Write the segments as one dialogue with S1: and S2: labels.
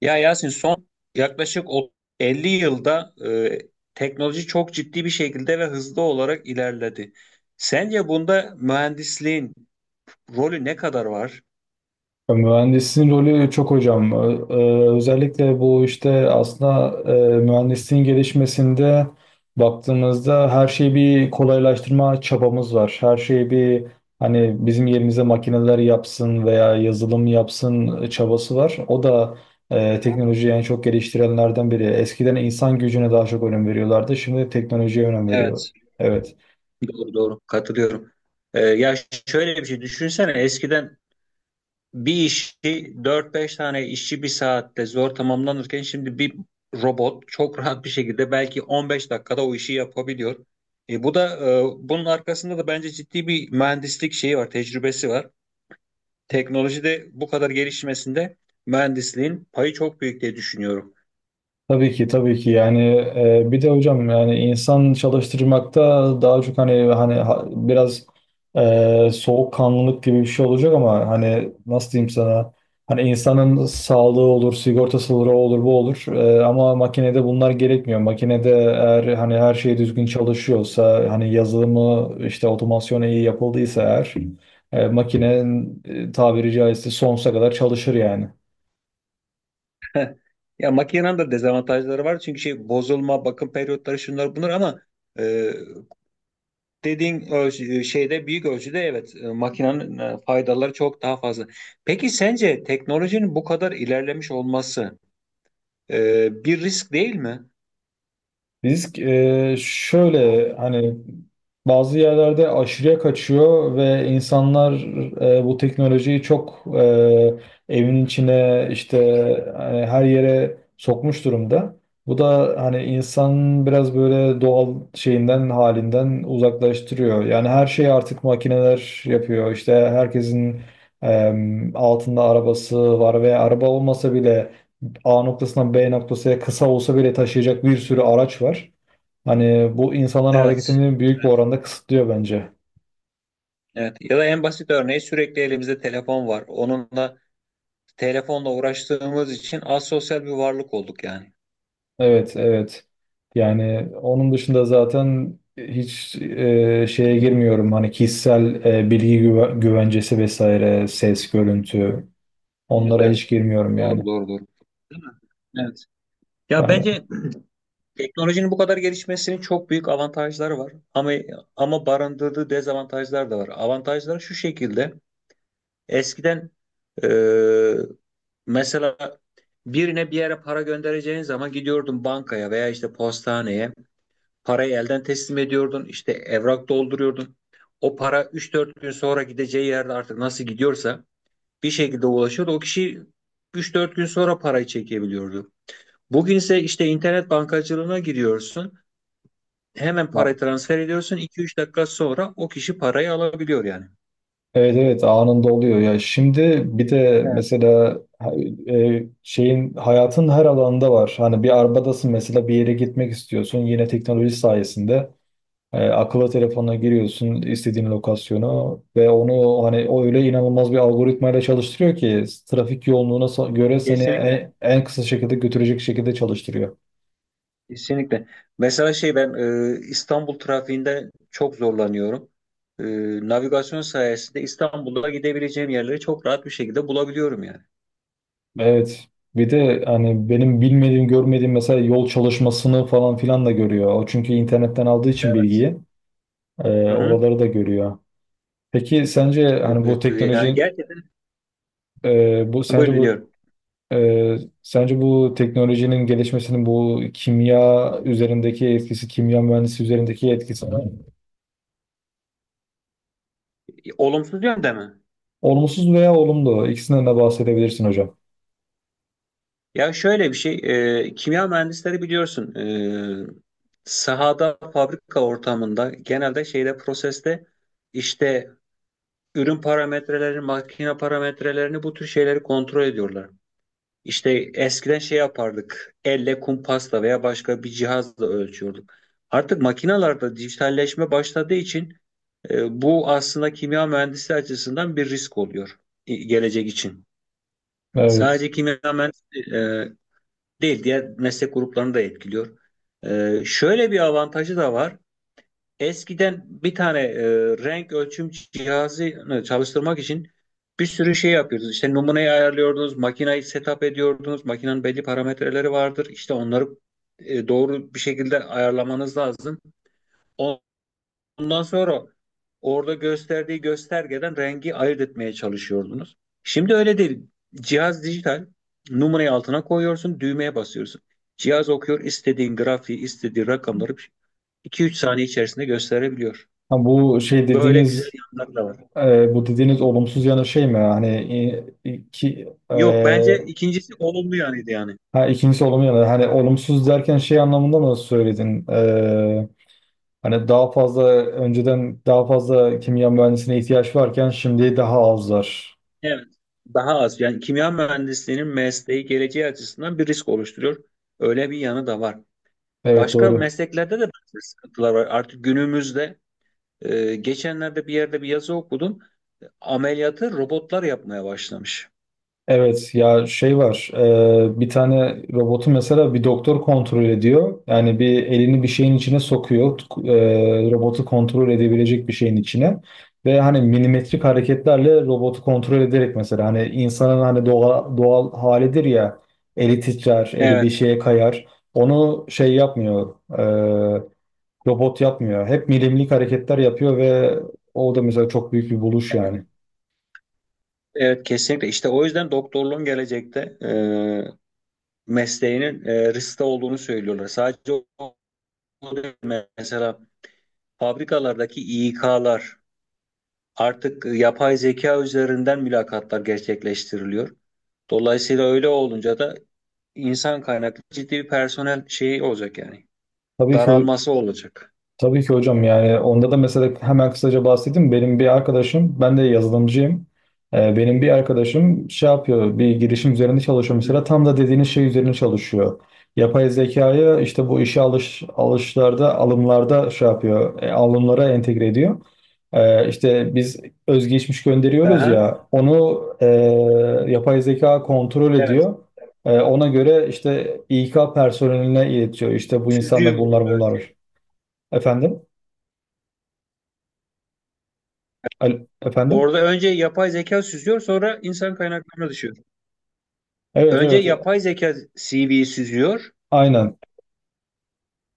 S1: Ya Yasin son yaklaşık 50 yılda teknoloji çok ciddi bir şekilde ve hızlı olarak ilerledi. Sence bunda mühendisliğin rolü ne kadar var?
S2: Ya Mühendisin rolü çok hocam. Özellikle bu işte aslında mühendisliğin gelişmesinde baktığımızda her şeyi bir kolaylaştırma çabamız var. Her şeyi bir hani bizim yerimize makineler yapsın veya yazılım yapsın çabası var. O da teknolojiyi en çok geliştirenlerden biri. Eskiden insan gücüne daha çok önem veriyorlardı. Şimdi teknolojiye önem veriyor.
S1: Evet.
S2: Evet.
S1: Doğru, doğru, katılıyorum. Ya şöyle bir şey düşünsene, eskiden bir işi dört beş tane işçi bir saatte zor tamamlanırken şimdi bir robot çok rahat bir şekilde belki 15 dakikada o işi yapabiliyor. Bu da bunun arkasında da bence ciddi bir mühendislik şeyi var, tecrübesi var. Teknolojide bu kadar gelişmesinde mühendisliğin payı çok büyük diye düşünüyorum.
S2: Tabii ki tabii ki yani bir de hocam yani insan çalıştırmakta daha çok hani biraz soğukkanlılık gibi bir şey olacak ama hani nasıl diyeyim sana hani insanın sağlığı olur sigortası olur o olur bu olur ama makinede bunlar gerekmiyor, makinede eğer hani her şey düzgün çalışıyorsa hani yazılımı işte otomasyonu iyi yapıldıysa eğer makinenin tabiri caizse sonsuza kadar çalışır yani.
S1: Ya makinenin de dezavantajları var çünkü şey bozulma, bakım periyotları şunlar bunlar ama e, şeyde büyük ölçüde evet, makinenin faydaları çok daha fazla. Peki sence teknolojinin bu kadar ilerlemiş olması bir risk değil mi?
S2: Risk şöyle, hani bazı yerlerde aşırıya kaçıyor ve insanlar bu teknolojiyi çok evin içine işte hani her yere sokmuş durumda. Bu da hani insan biraz böyle doğal şeyinden halinden uzaklaştırıyor. Yani her şeyi artık makineler yapıyor. İşte herkesin e, altında arabası var ve araba olmasa bile A noktasından B noktasına kısa olsa bile taşıyacak bir sürü araç var. Hani bu insanların
S1: Evet.
S2: hareketini büyük bir oranda kısıtlıyor bence.
S1: Evet. Ya da en basit örneği, sürekli elimizde telefon var. Telefonla uğraştığımız için asosyal bir varlık olduk yani.
S2: Evet, evet. Yani onun dışında zaten hiç şeye girmiyorum. Hani kişisel bilgi güvencesi vesaire, ses, görüntü.
S1: Evet,
S2: Onlara
S1: evet.
S2: hiç girmiyorum yani.
S1: Doğru, doğru, doğru. Değil mi? Evet. Ya
S2: Yani.
S1: bence teknolojinin bu kadar gelişmesinin çok büyük avantajları var. Ama barındırdığı dezavantajlar da var. Avantajları şu şekilde: eskiden, e, mesela birine bir yere para göndereceğin zaman gidiyordun bankaya veya işte postaneye. Parayı elden teslim ediyordun, işte evrak dolduruyordun. O para üç dört gün sonra gideceği yerde artık nasıl gidiyorsa bir şekilde ulaşıyordu. O kişi üç dört gün sonra parayı çekebiliyordu. Bugün ise işte internet bankacılığına giriyorsun. Hemen
S2: Ha,
S1: parayı transfer ediyorsun. İki üç dakika sonra o kişi parayı alabiliyor yani.
S2: evet, evet, anında oluyor ya. Şimdi bir de
S1: Evet,
S2: mesela şeyin hayatın her alanında var. Hani bir arabadasın mesela, bir yere gitmek istiyorsun. Yine teknoloji sayesinde. Akıllı telefonuna giriyorsun istediğin lokasyonu ve onu hani o öyle inanılmaz bir algoritmayla çalıştırıyor ki trafik yoğunluğuna göre seni
S1: kesinlikle,
S2: en kısa şekilde götürecek şekilde çalıştırıyor.
S1: kesinlikle. Mesela şey, ben İstanbul trafiğinde çok zorlanıyorum. E, Navigasyon sayesinde İstanbul'da gidebileceğim yerleri çok rahat bir şekilde bulabiliyorum yani.
S2: Evet, bir de hani benim bilmediğim, görmediğim mesela yol çalışmasını falan filan da görüyor. O çünkü internetten aldığı için
S1: Evet.
S2: bilgiyi e,
S1: Hı hı.
S2: oraları da görüyor. Peki sence hani bu
S1: Yani
S2: teknoloji,
S1: gerçekten
S2: e, bu
S1: buyur,
S2: sence bu
S1: dinliyorum.
S2: e, sence bu teknolojinin gelişmesinin bu kimya üzerindeki etkisi, kimya mühendisi üzerindeki etkisi
S1: Olumsuz yönde mi?
S2: olumsuz veya olumlu? İkisinden de bahsedebilirsin hocam.
S1: Ya şöyle bir şey, kimya mühendisleri biliyorsun, sahada, fabrika ortamında genelde şeyde, proseste, işte ürün parametrelerini, makine parametrelerini bu tür şeyleri kontrol ediyorlar. İşte eskiden şey yapardık, elle kumpasla veya başka bir cihazla ölçüyorduk. Artık makinalarda dijitalleşme başladığı için bu aslında kimya mühendisi açısından bir risk oluyor gelecek için.
S2: Evet.
S1: Sadece kimya mühendisi değil, diğer meslek gruplarını da etkiliyor. Şöyle bir avantajı da var. Eskiden bir tane renk ölçüm cihazını çalıştırmak için bir sürü şey yapıyordunuz. İşte numuneyi ayarlıyordunuz, makinayı setup ediyordunuz. Makinenin belli parametreleri vardır. İşte onları doğru bir şekilde ayarlamanız lazım. On- Ondan sonra orada gösterdiği göstergeden rengi ayırt etmeye çalışıyordunuz. Şimdi öyle değil. Cihaz dijital. Numarayı altına koyuyorsun, düğmeye basıyorsun. Cihaz okuyor, istediğin grafiği, istediği rakamları 2-3 saniye içerisinde gösterebiliyor.
S2: Ha, bu şey
S1: Böyle güzel
S2: dediğiniz,
S1: yanları da var.
S2: bu dediğiniz olumsuz yanı şey mi? Hani e, ki e,
S1: Yok, bence ikincisi olumlu yanıydı yani.
S2: Ha, ikincisi olumlu yanı. Hani olumsuz derken şey anlamında mı söyledin? Hani daha fazla, önceden daha fazla kimya mühendisine ihtiyaç varken şimdi daha az var.
S1: Evet. Daha az. Yani kimya mühendisliğinin mesleği, geleceği açısından bir risk oluşturuyor. Öyle bir yanı da var.
S2: Evet,
S1: Başka
S2: doğru.
S1: mesleklerde de bazı sıkıntılar var. Artık günümüzde, geçenlerde bir yerde bir yazı okudum. Ameliyatı robotlar yapmaya başlamış.
S2: Evet, ya şey var, bir tane robotu mesela bir doktor kontrol ediyor. Yani bir elini bir şeyin içine sokuyor, robotu kontrol edebilecek bir şeyin içine. Ve hani milimetrik hareketlerle robotu kontrol ederek mesela hani insanın hani doğal halidir ya, eli titrer, eli bir
S1: Evet,
S2: şeye kayar. Onu şey yapmıyor, e, robot yapmıyor, hep milimlik hareketler yapıyor ve o da mesela çok büyük bir buluş yani.
S1: evet, kesinlikle. İşte o yüzden doktorluğun gelecekte mesleğinin riskte olduğunu söylüyorlar. Sadece o o değil. Mesela fabrikalardaki İK'lar artık yapay zeka üzerinden mülakatlar gerçekleştiriliyor. Dolayısıyla öyle olunca da insan kaynaklı ciddi bir personel şeyi olacak yani.
S2: Tabii ki,
S1: Daralması olacak.
S2: tabii ki hocam, yani onda da mesela hemen kısaca bahsedeyim. Benim bir arkadaşım, ben de yazılımcıyım. Benim bir arkadaşım şey yapıyor, bir girişim üzerinde çalışıyor
S1: Hı
S2: mesela.
S1: hı.
S2: Tam da dediğiniz şey üzerine çalışıyor. Yapay zekayı işte bu işe alımlarda şey yapıyor, alımlara entegre ediyor. İşte biz özgeçmiş gönderiyoruz
S1: Aha.
S2: ya, onu yapay zeka kontrol
S1: Evet.
S2: ediyor. Ona göre işte İK personeline iletiyor: işte bu insanda
S1: Süzüyorlar
S2: bunlar
S1: böyle.
S2: bunlar. Efendim? Efendim?
S1: Orada önce yapay zeka süzüyor, sonra insan kaynaklarına düşüyor.
S2: Evet,
S1: Önce
S2: evet,
S1: yapay zeka CV'yi süzüyor,
S2: aynen.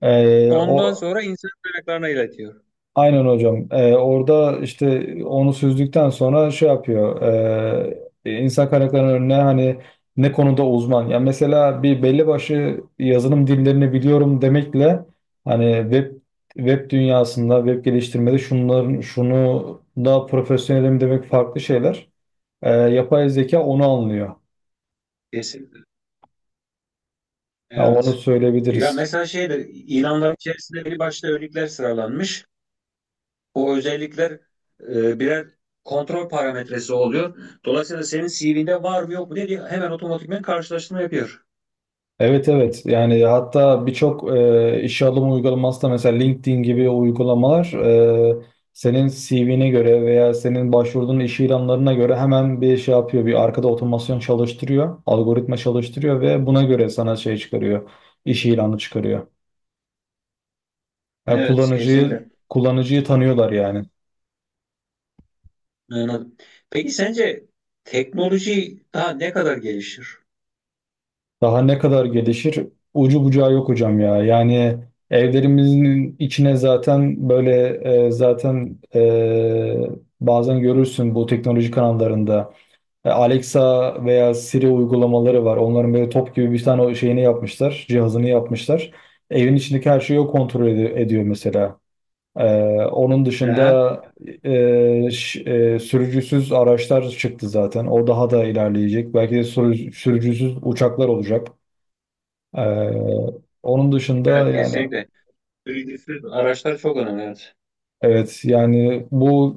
S1: ondan
S2: O
S1: sonra insan kaynaklarına iletiyor.
S2: Aynen hocam. Orada işte onu süzdükten sonra şey yapıyor, insan kaynaklarının önüne hani ne konuda uzman. Yani mesela bir belli başlı yazılım dillerini biliyorum demekle hani web dünyasında, web geliştirmede şunların şunu daha profesyonelim demek farklı şeyler. Yapay zeka onu anlıyor.
S1: Kesinlikle.
S2: Yani onu
S1: Evet. Ya
S2: söyleyebiliriz.
S1: mesela şeyde, ilanların içerisinde bir başta özellikler sıralanmış. O özellikler birer kontrol parametresi oluyor. Dolayısıyla senin CV'nde var mı yok mu diye hemen otomatikman karşılaştırma yapıyor.
S2: Evet, evet, yani hatta birçok işe alım uygulaması da, mesela LinkedIn gibi uygulamalar, senin CV'ne göre veya senin başvurduğun iş ilanlarına göre hemen bir şey yapıyor. Bir arkada otomasyon çalıştırıyor, algoritma çalıştırıyor ve buna göre sana şey çıkarıyor, iş ilanı çıkarıyor. Yani
S1: Evet,
S2: kullanıcıyı
S1: kesinlikle.
S2: kullanıcıyı tanıyorlar yani.
S1: Anladım. Peki sence teknoloji daha ne kadar gelişir?
S2: Daha ne kadar gelişir? Ucu bucağı yok hocam ya. Yani evlerimizin içine zaten böyle, zaten bazen görürsün bu teknoloji kanallarında, Alexa veya Siri uygulamaları var. Onların böyle top gibi bir tane o şeyini yapmışlar, cihazını yapmışlar. Evin içindeki her şeyi o kontrol ediyor mesela. E, onun
S1: Aha.
S2: dışında e, ş- sürücüsüz araçlar çıktı zaten. O daha da ilerleyecek. Belki de sürücüsüz uçaklar olacak. Ee, Onun dışında
S1: Evet,
S2: yani,
S1: kesinlikle. Vergisiz araçlar çok önemli, evet.
S2: evet yani bu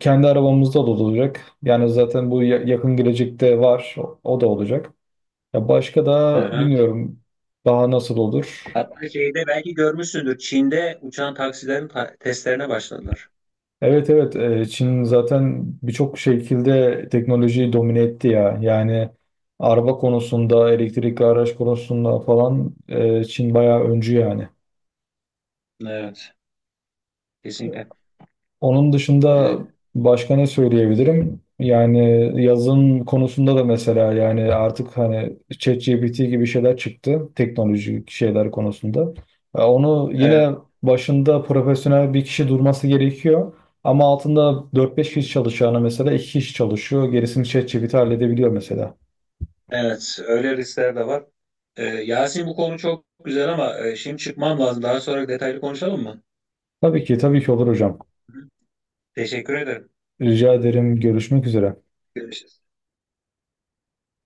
S2: kendi arabamızda da olacak. Yani zaten bu yakın gelecekte var. O da olacak. Ya başka
S1: Hı
S2: da
S1: hı.
S2: bilmiyorum daha nasıl olur.
S1: Hatta şeyde belki görmüşsündür. Çin'de uçan taksilerin testlerine başladılar.
S2: Evet, evet, Çin zaten birçok şekilde teknolojiyi domine etti ya. Yani araba konusunda, elektrikli araç konusunda falan Çin bayağı öncü yani.
S1: Evet, kesinlikle.
S2: Onun
S1: Ee,
S2: dışında başka ne söyleyebilirim? Yani yazın konusunda da mesela, yani artık hani ChatGPT gibi şeyler çıktı teknolojik şeyler konusunda. Onu
S1: Evet,
S2: yine başında profesyonel bir kişi durması gerekiyor. Ama altında 4-5 kişi çalışacağına mesela 2 kişi çalışıyor. Gerisini ChatGPT halledebiliyor mesela.
S1: evet, öyle riskler de var. Yasin, bu konu çok güzel ama şimdi çıkmam lazım. Daha sonra detaylı konuşalım mı?
S2: Tabii ki, tabii ki olur hocam.
S1: Hı. Teşekkür ederim.
S2: Rica ederim, görüşmek üzere.
S1: Görüşürüz.